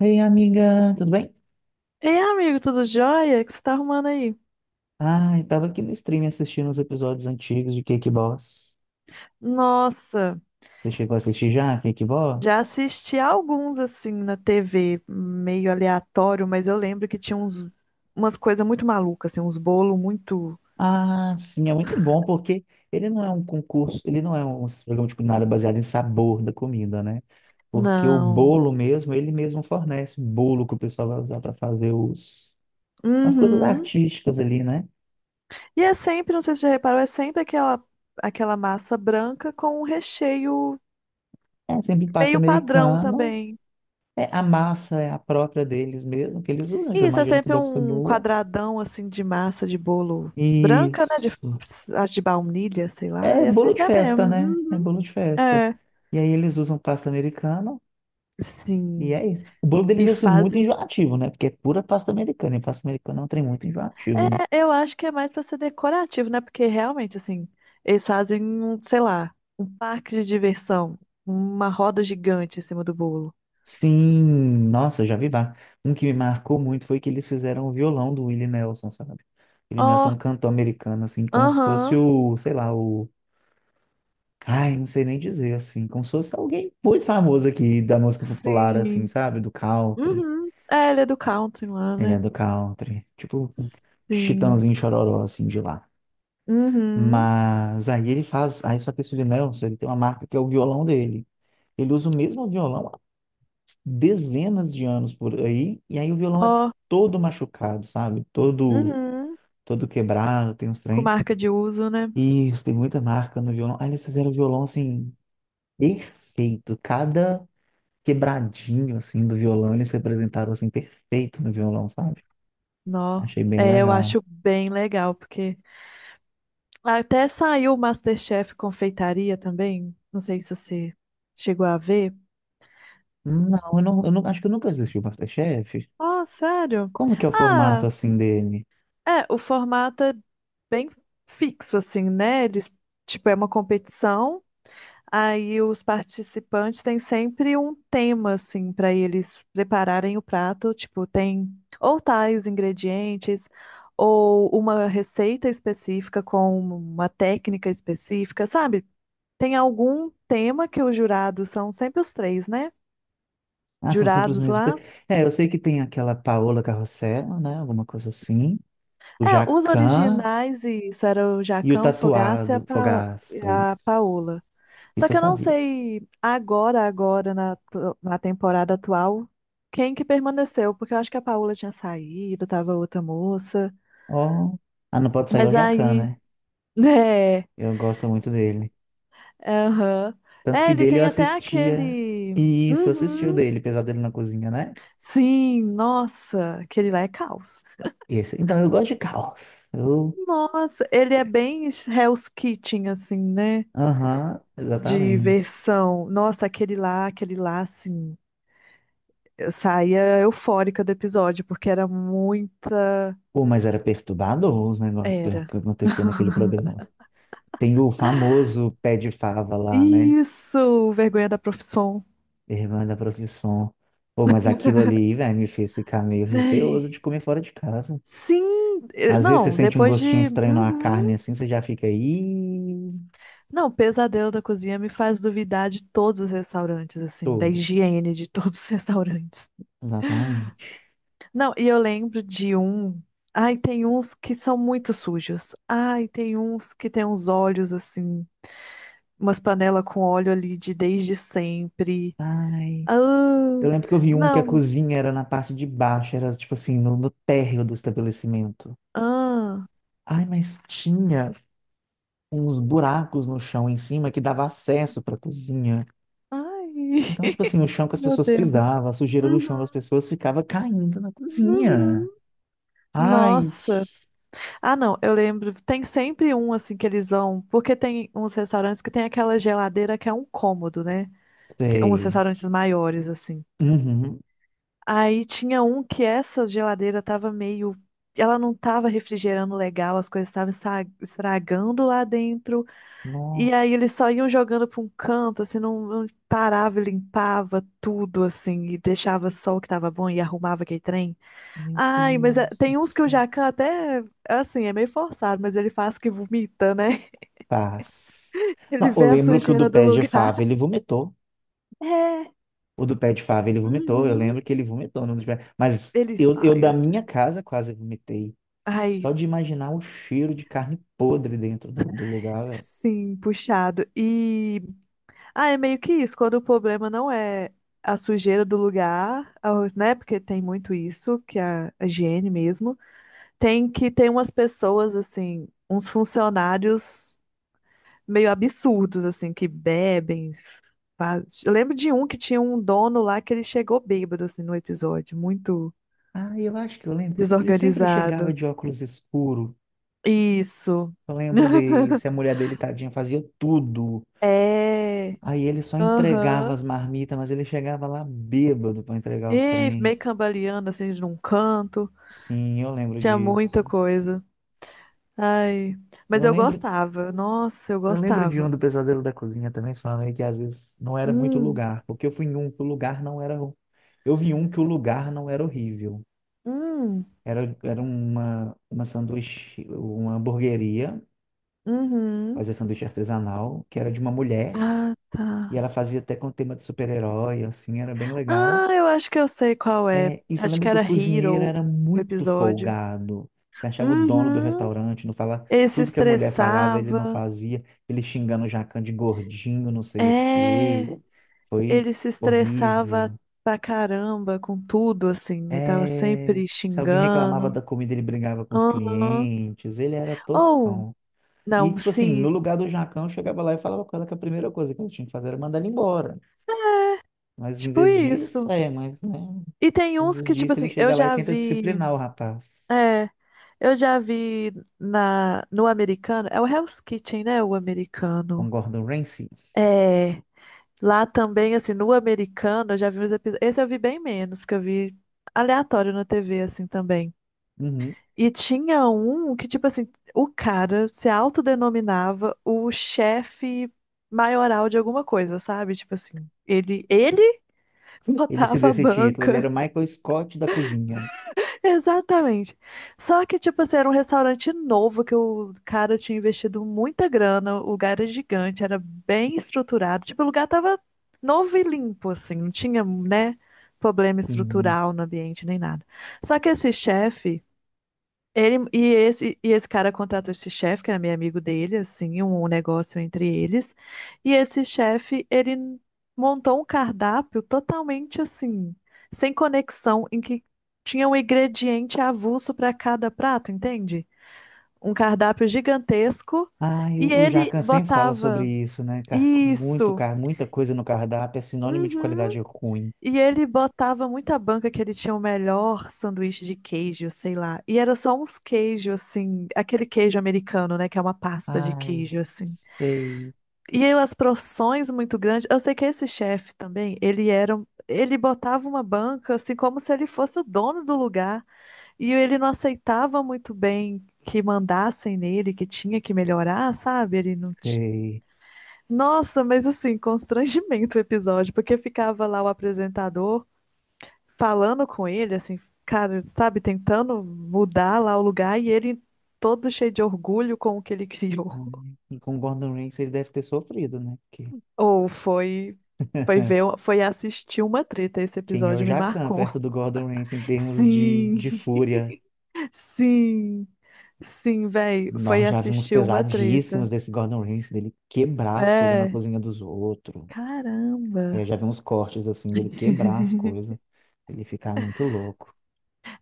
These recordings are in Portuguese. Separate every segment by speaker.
Speaker 1: Ei, amiga, tudo bem?
Speaker 2: Ei, amigo, tudo jóia? O que você tá arrumando aí?
Speaker 1: Ah, eu tava aqui no stream assistindo os episódios antigos de Cake Boss.
Speaker 2: Nossa,
Speaker 1: Você chegou a assistir já, Cake
Speaker 2: já
Speaker 1: Boss?
Speaker 2: assisti alguns assim na TV, meio aleatório, mas eu lembro que tinha uns, umas coisas muito malucas, assim, uns bolos muito.
Speaker 1: Ah, sim, é muito bom porque ele não é um concurso, ele não é um programa de culinária baseado em sabor da comida, né? Porque o
Speaker 2: Não.
Speaker 1: bolo mesmo, ele mesmo fornece o bolo que o pessoal vai usar para fazer os, as coisas
Speaker 2: Uhum.
Speaker 1: artísticas ali, né?
Speaker 2: E é sempre, não sei se você já reparou, é sempre aquela, aquela massa branca com um recheio
Speaker 1: É sempre pasta
Speaker 2: meio padrão
Speaker 1: americana,
Speaker 2: também.
Speaker 1: é, a massa é a própria deles mesmo, que eles usam, que
Speaker 2: E
Speaker 1: eu
Speaker 2: isso é
Speaker 1: imagino que
Speaker 2: sempre
Speaker 1: deve ser
Speaker 2: um
Speaker 1: boa.
Speaker 2: quadradão assim de massa de bolo branca, né? De,
Speaker 1: Isso.
Speaker 2: acho de baunilha, sei lá,
Speaker 1: É
Speaker 2: e é
Speaker 1: bolo de
Speaker 2: sempre a
Speaker 1: festa,
Speaker 2: mesma.
Speaker 1: né? É
Speaker 2: Uhum.
Speaker 1: bolo de festa.
Speaker 2: É.
Speaker 1: E aí eles usam pasta americana e
Speaker 2: Sim.
Speaker 1: é isso. O bolo deles
Speaker 2: E
Speaker 1: é assim,
Speaker 2: fazem.
Speaker 1: muito enjoativo, né? Porque é pura pasta americana. E pasta americana é um trem muito enjoativo, né?
Speaker 2: É, eu acho que é mais para ser decorativo, né? Porque realmente, assim, eles fazem, sei lá, um parque de diversão, uma roda gigante em cima do bolo.
Speaker 1: Sim, nossa, já vi vários. Um que me marcou muito foi que eles fizeram o violão do Willie Nelson, sabe? Willie Nelson
Speaker 2: Ó,
Speaker 1: é um cantor americano, assim, como se fosse
Speaker 2: aham,
Speaker 1: o, sei lá, o. Ai, não sei nem dizer, assim, como se fosse alguém muito famoso aqui da música popular, assim,
Speaker 2: sim.
Speaker 1: sabe? Do country.
Speaker 2: Uhum. É, ele é do country lá,
Speaker 1: Ele é
Speaker 2: né?
Speaker 1: do country. Tipo,
Speaker 2: Sim.
Speaker 1: Chitãozinho Chororó, assim, de lá.
Speaker 2: Uhum.
Speaker 1: Mas aí ele faz. Aí só que esse Nelson, ele tem uma marca que é o violão dele. Ele usa o mesmo violão há dezenas de anos por aí. E aí o violão é
Speaker 2: Ó,
Speaker 1: todo machucado, sabe? Todo,
Speaker 2: uhum.
Speaker 1: todo quebrado, tem uns
Speaker 2: Com
Speaker 1: trem.
Speaker 2: marca de uso, né?
Speaker 1: E tem muita marca no violão. Aí eles fizeram o violão, assim, perfeito. Cada quebradinho, assim, do violão, eles representaram, assim, perfeito no violão, sabe?
Speaker 2: Nó.
Speaker 1: Achei bem
Speaker 2: É, eu
Speaker 1: legal.
Speaker 2: acho bem legal, porque. Até saiu o MasterChef Confeitaria também. Não sei se você chegou a ver.
Speaker 1: Não, eu não, eu não, acho que eu nunca assisti o MasterChef.
Speaker 2: Oh, sério?
Speaker 1: Como que é o formato
Speaker 2: Ah,
Speaker 1: assim dele?
Speaker 2: é, o formato é bem fixo, assim, né? Eles, tipo, é uma competição, aí os participantes têm sempre um tema, assim, para eles prepararem o prato. Tipo, tem ou tais ingredientes, ou uma receita específica com uma técnica específica, sabe? Tem algum tema que os jurados são sempre os três, né?
Speaker 1: Ah, são sempre os
Speaker 2: Jurados
Speaker 1: mesmos.
Speaker 2: lá.
Speaker 1: É, eu sei que tem aquela Paola Carrossel, né? Alguma coisa assim. O
Speaker 2: É, os
Speaker 1: Jacan
Speaker 2: originais, e isso era o
Speaker 1: e o
Speaker 2: Jacão, o Fogaça e a,
Speaker 1: tatuado Fogaço.
Speaker 2: E
Speaker 1: Isso.
Speaker 2: a Paola. Só
Speaker 1: Isso eu
Speaker 2: que eu não
Speaker 1: sabia.
Speaker 2: sei agora, agora, na temporada atual, quem que permaneceu, porque eu acho que a Paola tinha saído, tava outra moça.
Speaker 1: Oh, ah, não pode sair o
Speaker 2: Mas
Speaker 1: Jacan,
Speaker 2: aí,
Speaker 1: né?
Speaker 2: né?
Speaker 1: Eu gosto muito dele.
Speaker 2: Aham.
Speaker 1: Tanto
Speaker 2: É,
Speaker 1: que
Speaker 2: ele
Speaker 1: dele eu
Speaker 2: tem até
Speaker 1: assistia.
Speaker 2: aquele.
Speaker 1: Isso, eu assisti o
Speaker 2: Uhum.
Speaker 1: dele, Pesadelo na Cozinha, né?
Speaker 2: Sim, nossa, aquele lá é caos.
Speaker 1: Esse. Então eu gosto de caos. Eu.
Speaker 2: Nossa, ele é bem Hell's Kitchen, assim, né?
Speaker 1: Aham,
Speaker 2: De
Speaker 1: exatamente.
Speaker 2: versão. Nossa, aquele lá, assim. Eu saía eufórica do episódio, porque era muita.
Speaker 1: Pô, mas era perturbador os negócios que
Speaker 2: Era.
Speaker 1: acontecia naquele programa. Tem o famoso pé de fava lá, né?
Speaker 2: Isso! Vergonha da profissão.
Speaker 1: Irmã da profissão. Pô, mas aquilo ali, velho, me fez ficar meio
Speaker 2: Véi.
Speaker 1: receoso de comer fora de casa.
Speaker 2: Sim!
Speaker 1: Às vezes você
Speaker 2: Não,
Speaker 1: sente um
Speaker 2: depois
Speaker 1: gostinho
Speaker 2: de.
Speaker 1: estranho na carne
Speaker 2: Uhum.
Speaker 1: assim, você já fica aí.
Speaker 2: Não, o pesadelo da cozinha me faz duvidar de todos os restaurantes, assim, da
Speaker 1: Todos.
Speaker 2: higiene de todos os restaurantes.
Speaker 1: Exatamente.
Speaker 2: Não, e eu lembro de um. Ai, tem uns que são muito sujos. Ai, tem uns que tem uns olhos assim, umas panelas com óleo ali de desde sempre.
Speaker 1: Ai.
Speaker 2: Ah,
Speaker 1: Eu lembro que eu vi um que a
Speaker 2: não.
Speaker 1: cozinha era na parte de baixo, era tipo assim, no, no térreo do estabelecimento.
Speaker 2: Ah,
Speaker 1: Ai, mas tinha uns buracos no chão em cima que dava acesso para cozinha.
Speaker 2: ai,
Speaker 1: Então, tipo assim, o chão que as
Speaker 2: meu
Speaker 1: pessoas
Speaker 2: Deus.
Speaker 1: pisavam, a sujeira do chão das
Speaker 2: Uhum,
Speaker 1: pessoas ficava caindo na cozinha.
Speaker 2: uhum.
Speaker 1: Ai,
Speaker 2: Nossa. Ah, não, eu lembro. Tem sempre um assim que eles vão, porque tem uns restaurantes que tem aquela geladeira que é um cômodo, né? Uns
Speaker 1: sei.
Speaker 2: restaurantes maiores assim.
Speaker 1: Uhum.
Speaker 2: Aí tinha um que essa geladeira tava meio. Ela não tava refrigerando legal, as coisas estavam estragando lá dentro. E aí
Speaker 1: Nossa,
Speaker 2: eles só iam jogando pra um canto, assim, não, não parava e limpava tudo, assim, e deixava só o que tava bom e arrumava aquele trem.
Speaker 1: meu
Speaker 2: Ai,
Speaker 1: Deus do
Speaker 2: tem uns que o
Speaker 1: céu.
Speaker 2: Jacan até, assim, é meio forçado, mas ele faz que vomita, né?
Speaker 1: Paz.
Speaker 2: Ele
Speaker 1: Não, eu
Speaker 2: vê a
Speaker 1: lembro que o do
Speaker 2: sujeira do
Speaker 1: pé de
Speaker 2: lugar.
Speaker 1: fava, ele vomitou.
Speaker 2: É,
Speaker 1: O do pé de fava, ele vomitou. Eu
Speaker 2: uhum,
Speaker 1: lembro que ele vomitou. No do pé. Mas
Speaker 2: ele
Speaker 1: eu
Speaker 2: sai,
Speaker 1: da
Speaker 2: assim.
Speaker 1: minha casa quase vomitei.
Speaker 2: Ai,
Speaker 1: Só de imaginar o cheiro de carne podre dentro do, do lugar, velho.
Speaker 2: sim, puxado. E. Ah, é meio que isso, quando o problema não é a sujeira do lugar, né? Porque tem muito isso, que é a higiene mesmo. Tem que ter umas pessoas, assim, uns funcionários meio absurdos, assim, que bebem. Eu lembro de um que tinha um dono lá que ele chegou bêbado, assim, no episódio, muito
Speaker 1: Ah, eu acho que eu lembro. Ele sempre chegava
Speaker 2: desorganizado.
Speaker 1: de óculos escuros.
Speaker 2: Isso.
Speaker 1: Eu lembro desse, a mulher dele, tadinha, fazia tudo.
Speaker 2: É.
Speaker 1: Aí ele só entregava as
Speaker 2: Aham.
Speaker 1: marmitas, mas ele chegava lá bêbado para entregar os
Speaker 2: E
Speaker 1: trem.
Speaker 2: meio cambaleando, assim, de um canto.
Speaker 1: Sim, eu lembro
Speaker 2: Tinha muita
Speaker 1: disso.
Speaker 2: coisa. Ai, mas
Speaker 1: Eu
Speaker 2: eu
Speaker 1: lembro,
Speaker 2: gostava. Nossa, eu
Speaker 1: eu lembro de um
Speaker 2: gostava.
Speaker 1: do Pesadelo da Cozinha também, falando aí que às vezes não era muito
Speaker 2: Hum,
Speaker 1: lugar, porque eu fui em um que o lugar não era. Eu vi um que o lugar não era horrível.
Speaker 2: hum,
Speaker 1: Era, era uma sanduíche, uma hamburgueria,
Speaker 2: uhum.
Speaker 1: fazia sanduíche artesanal, que era de uma mulher,
Speaker 2: Ah, tá.
Speaker 1: e ela fazia até com tema de super-herói, assim, era bem legal.
Speaker 2: Ah, eu acho que eu sei qual é.
Speaker 1: É, e
Speaker 2: Acho
Speaker 1: lembra
Speaker 2: que
Speaker 1: que o
Speaker 2: era
Speaker 1: cozinheiro
Speaker 2: Hero
Speaker 1: era
Speaker 2: o
Speaker 1: muito
Speaker 2: episódio.
Speaker 1: folgado? Você achava o dono do
Speaker 2: Uhum.
Speaker 1: restaurante, não falava,
Speaker 2: Ele se
Speaker 1: tudo que a mulher falava ele não
Speaker 2: estressava.
Speaker 1: fazia, ele xingando o Jacan de gordinho, não sei o
Speaker 2: É,
Speaker 1: quê. Foi
Speaker 2: ele se estressava
Speaker 1: horrível.
Speaker 2: pra caramba com tudo, assim. Ele tava
Speaker 1: É,
Speaker 2: sempre
Speaker 1: se alguém reclamava
Speaker 2: xingando.
Speaker 1: da comida, ele brigava com os
Speaker 2: Aham.
Speaker 1: clientes, ele era
Speaker 2: Ou,
Speaker 1: toscão. E,
Speaker 2: não,
Speaker 1: tipo assim,
Speaker 2: sim,
Speaker 1: no lugar do Jacão, eu chegava lá e falava com ela que a primeira coisa que ele tinha que fazer era mandar ele embora. Mas em
Speaker 2: tipo
Speaker 1: vez disso,
Speaker 2: isso.
Speaker 1: é, mas, né,
Speaker 2: E tem
Speaker 1: em
Speaker 2: uns
Speaker 1: vez
Speaker 2: que, tipo
Speaker 1: disso, ele
Speaker 2: assim, eu
Speaker 1: chega lá e
Speaker 2: já
Speaker 1: tenta
Speaker 2: vi.
Speaker 1: disciplinar o rapaz.
Speaker 2: É. Eu já vi no americano, é o Hell's Kitchen, né? O
Speaker 1: Com
Speaker 2: americano.
Speaker 1: Gordon Ramsay.
Speaker 2: É, lá também, assim, no americano, eu já vi uns episódios. Esse eu vi bem menos, porque eu vi aleatório na TV, assim, também.
Speaker 1: Uhum.
Speaker 2: E tinha um que, tipo assim, o cara se autodenominava o chefe maioral de alguma coisa, sabe? Tipo assim, ele
Speaker 1: Ele se
Speaker 2: botava
Speaker 1: deu
Speaker 2: a
Speaker 1: esse título. Ele era
Speaker 2: banca.
Speaker 1: o Michael Scott da cozinha.
Speaker 2: Exatamente. Só que, tipo assim, era um restaurante novo que o cara tinha investido muita grana, o lugar era gigante, era bem estruturado. Tipo, o lugar tava novo e limpo, assim, não tinha, né, problema
Speaker 1: Sim.
Speaker 2: estrutural no ambiente nem nada. Só que esse chefe. E esse cara contrata esse chefe, que era meio amigo dele, assim, um negócio entre eles. E esse chefe, ele montou um cardápio totalmente assim, sem conexão, em que tinha um ingrediente avulso para cada prato, entende? Um cardápio gigantesco.
Speaker 1: Ah, e
Speaker 2: E
Speaker 1: o
Speaker 2: ele
Speaker 1: Jacan sempre fala sobre
Speaker 2: botava
Speaker 1: isso, né? Muito,
Speaker 2: isso.
Speaker 1: muita coisa no cardápio é sinônimo de
Speaker 2: Uhum.
Speaker 1: qualidade ruim.
Speaker 2: E ele botava muita banca que ele tinha o melhor sanduíche de queijo, sei lá. E era só uns queijos, assim, aquele queijo americano, né? Que é uma pasta de
Speaker 1: Ai,
Speaker 2: queijo, assim.
Speaker 1: sei,
Speaker 2: E aí, as porções muito grandes. Eu sei que esse chefe também, ele era. Ele botava uma banca, assim, como se ele fosse o dono do lugar. E ele não aceitava muito bem que mandassem nele, que tinha que melhorar, sabe? Ele não.
Speaker 1: sei.
Speaker 2: Nossa, mas assim, constrangimento o episódio, porque ficava lá o apresentador falando com ele, assim, cara, sabe, tentando mudar lá o lugar e ele todo cheio de orgulho com o que ele criou.
Speaker 1: Ai, e com o Gordon Ramsay ele deve ter sofrido, né? Porque
Speaker 2: Ou foi foi ver, foi assistir uma treta, esse
Speaker 1: quem é o
Speaker 2: episódio me
Speaker 1: Jacan
Speaker 2: marcou.
Speaker 1: perto do Gordon Ramsay em termos
Speaker 2: Sim,
Speaker 1: de fúria?
Speaker 2: sim, sim, véi, foi
Speaker 1: Nós já vimos
Speaker 2: assistir uma
Speaker 1: pesadíssimos
Speaker 2: treta.
Speaker 1: desse Gordon Ramsay, dele quebrar as coisas na
Speaker 2: É,
Speaker 1: cozinha dos outros.
Speaker 2: caramba.
Speaker 1: Eu já vi uns cortes assim dele quebrar as coisas, ele ficar muito louco.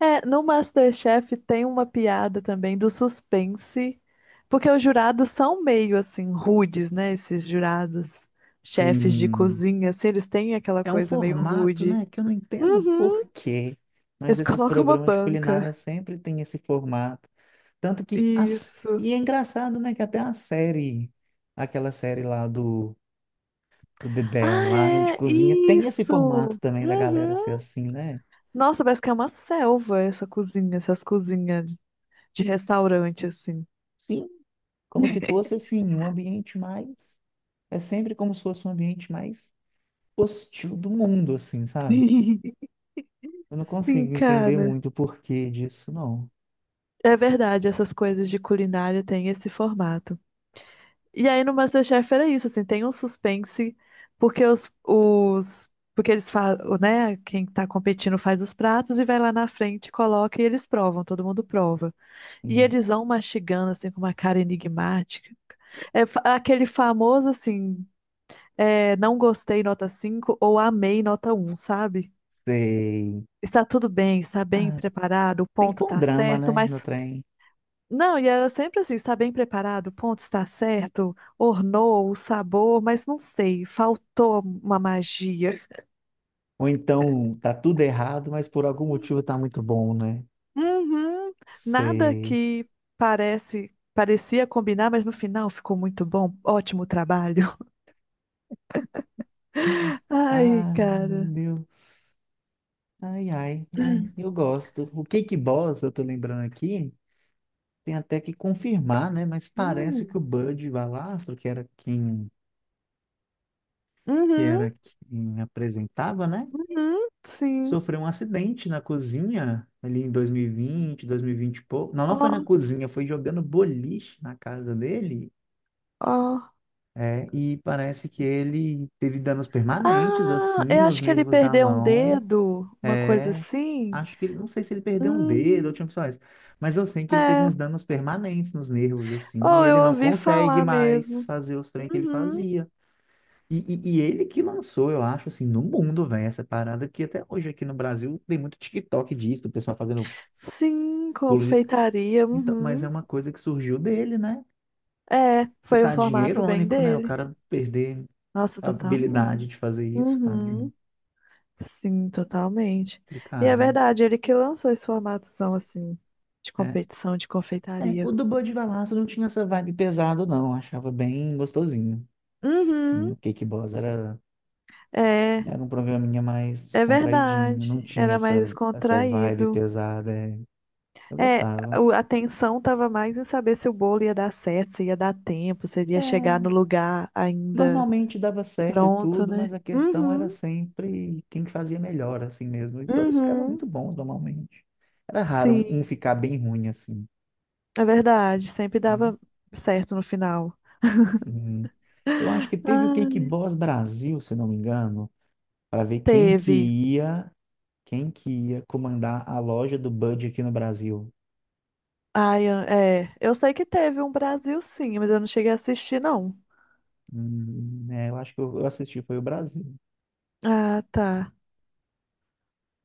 Speaker 2: É, no MasterChef tem uma piada também do suspense, porque os jurados são meio assim rudes, né? Esses jurados, chefes de
Speaker 1: Sim.
Speaker 2: cozinha, assim, eles têm aquela
Speaker 1: É um
Speaker 2: coisa meio
Speaker 1: formato,
Speaker 2: rude.
Speaker 1: né, que eu não entendo por
Speaker 2: Uhum.
Speaker 1: quê, mas
Speaker 2: Eles
Speaker 1: esses
Speaker 2: colocam uma
Speaker 1: programas de culinária
Speaker 2: banca.
Speaker 1: sempre têm esse formato. Tanto que as...
Speaker 2: Isso.
Speaker 1: e é engraçado, né, que até a série, aquela série lá do The Bear lá de
Speaker 2: Ah, é,
Speaker 1: cozinha tem esse formato
Speaker 2: isso.
Speaker 1: também da galera ser
Speaker 2: Uhum.
Speaker 1: assim, né?
Speaker 2: Nossa, parece que é uma selva essa cozinha, essas cozinhas de restaurante, assim.
Speaker 1: Sim, como se fosse assim um ambiente mais é sempre como se fosse um ambiente mais hostil do mundo assim, sabe? Eu não
Speaker 2: Sim,
Speaker 1: consigo entender
Speaker 2: cara.
Speaker 1: muito o porquê disso, não.
Speaker 2: É verdade, essas coisas de culinária têm esse formato. E aí no MasterChef era isso, assim, tem um suspense, porque os porque eles falam, né, quem tá competindo faz os pratos e vai lá na frente, coloca e eles provam, todo mundo prova. E
Speaker 1: Não
Speaker 2: eles vão mastigando, assim, com uma cara enigmática. Aquele famoso, assim, é, não gostei, nota 5 ou amei, nota um sabe?
Speaker 1: sei.
Speaker 2: Está tudo bem, está bem
Speaker 1: Ah,
Speaker 2: preparado, o
Speaker 1: tem que
Speaker 2: ponto
Speaker 1: pôr um
Speaker 2: tá
Speaker 1: drama,
Speaker 2: certo,
Speaker 1: né, no
Speaker 2: mas
Speaker 1: trem.
Speaker 2: não, e era sempre assim, está bem preparado, o ponto está certo, ornou o sabor, mas não sei, faltou uma magia.
Speaker 1: Ou então tá tudo errado, mas por algum motivo tá muito bom, né?
Speaker 2: Uhum, nada
Speaker 1: Sei.
Speaker 2: que parecia combinar, mas no final ficou muito bom, ótimo trabalho. Ai,
Speaker 1: Ai, meu
Speaker 2: cara.
Speaker 1: Deus. Ai, ai, ai, eu gosto. O Cake Boss, eu tô lembrando aqui, tem até que confirmar, né? Mas parece que
Speaker 2: Hum,
Speaker 1: o Bud Valastro, que
Speaker 2: Uhum,
Speaker 1: era quem apresentava, né?
Speaker 2: uhum, sim.
Speaker 1: Sofreu um acidente na cozinha ali em dois mil e vinte e pouco. Não, não foi
Speaker 2: Ó,
Speaker 1: na cozinha, foi jogando boliche na casa dele.
Speaker 2: ó.
Speaker 1: É, e parece que ele teve danos permanentes,
Speaker 2: Ah,
Speaker 1: assim,
Speaker 2: eu
Speaker 1: nos
Speaker 2: acho que ele
Speaker 1: nervos da
Speaker 2: perdeu um
Speaker 1: mão.
Speaker 2: dedo, uma coisa
Speaker 1: É,
Speaker 2: assim.
Speaker 1: acho que ele, não sei se ele perdeu um dedo ou tinha
Speaker 2: Hum,
Speaker 1: opções, mas eu sei que ele teve uns
Speaker 2: é.
Speaker 1: danos permanentes nos nervos, assim, e
Speaker 2: Oh, eu
Speaker 1: ele não
Speaker 2: ouvi
Speaker 1: consegue
Speaker 2: falar
Speaker 1: mais
Speaker 2: mesmo.
Speaker 1: fazer os treinos que ele
Speaker 2: Uhum.
Speaker 1: fazia. E, e ele que lançou, eu acho, assim, no mundo, velho, essa parada, que até hoje aqui no Brasil tem muito TikTok disso, do pessoal fazendo
Speaker 2: Sim,
Speaker 1: bolo disso.
Speaker 2: confeitaria.
Speaker 1: Então, mas é
Speaker 2: Uhum.
Speaker 1: uma coisa que surgiu dele, né?
Speaker 2: É,
Speaker 1: E
Speaker 2: foi um
Speaker 1: tadinho, é
Speaker 2: formato bem
Speaker 1: irônico, né? O
Speaker 2: dele.
Speaker 1: cara perder
Speaker 2: Nossa,
Speaker 1: a habilidade
Speaker 2: totalmente.
Speaker 1: de fazer isso, tadinho,
Speaker 2: Uhum. Sim, totalmente. E é
Speaker 1: complicado.
Speaker 2: verdade, ele que lançou esse formatozão assim, de
Speaker 1: É,
Speaker 2: competição de
Speaker 1: é,
Speaker 2: confeitaria.
Speaker 1: o do Bud Valastro não tinha essa vibe pesada, não. Eu achava bem gostosinho. Assim.
Speaker 2: Uhum.
Speaker 1: O Cake Boss era,
Speaker 2: É,
Speaker 1: era um programinha mais
Speaker 2: é
Speaker 1: descontraidinho, não
Speaker 2: verdade.
Speaker 1: tinha
Speaker 2: Era
Speaker 1: essa,
Speaker 2: mais
Speaker 1: essa vibe
Speaker 2: descontraído.
Speaker 1: pesada. É. Eu
Speaker 2: É,
Speaker 1: gostava.
Speaker 2: a atenção tava mais em saber se o bolo ia dar certo, se ia dar tempo, se ele ia chegar no
Speaker 1: É.
Speaker 2: lugar ainda
Speaker 1: Normalmente dava certo e
Speaker 2: pronto,
Speaker 1: tudo,
Speaker 2: né?
Speaker 1: mas a questão era
Speaker 2: Uhum.
Speaker 1: sempre quem fazia melhor, assim mesmo. E todos ficavam
Speaker 2: Uhum.
Speaker 1: muito bons, normalmente. Era raro um
Speaker 2: Sim.
Speaker 1: um ficar bem ruim, assim.
Speaker 2: É verdade, sempre
Speaker 1: Né?
Speaker 2: dava certo no final.
Speaker 1: Sim. Eu acho que teve o Cake
Speaker 2: Ah,
Speaker 1: Boss Brasil, se não me engano, para ver
Speaker 2: teve.
Speaker 1: ia, quem que ia comandar a loja do Bud aqui no Brasil.
Speaker 2: Ai, é, eu sei que teve um Brasil sim, mas eu não cheguei a assistir, não.
Speaker 1: É, eu acho que eu assisti, foi o Brasil.
Speaker 2: Ah, tá.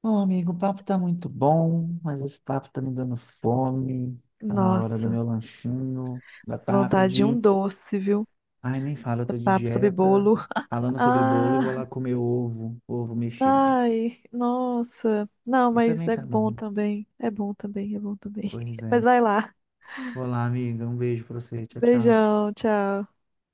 Speaker 1: Bom, amigo, o papo tá muito bom, mas esse papo tá me dando fome. Tá na hora do
Speaker 2: Nossa,
Speaker 1: meu lanchinho da
Speaker 2: vontade de
Speaker 1: tarde.
Speaker 2: um doce, viu?
Speaker 1: Ai, nem fala, eu tô de
Speaker 2: Papo sobre
Speaker 1: dieta,
Speaker 2: bolo.
Speaker 1: falando sobre bolo e vou
Speaker 2: Ah,
Speaker 1: lá comer ovo, ovo mexido.
Speaker 2: ai, nossa. Não,
Speaker 1: E
Speaker 2: mas
Speaker 1: também
Speaker 2: é
Speaker 1: tá
Speaker 2: bom
Speaker 1: bom.
Speaker 2: também. É bom também.
Speaker 1: Pois
Speaker 2: Mas
Speaker 1: é.
Speaker 2: vai lá.
Speaker 1: Vou lá, amiga. Um beijo pra você. Tchau, tchau.
Speaker 2: Beijão, tchau.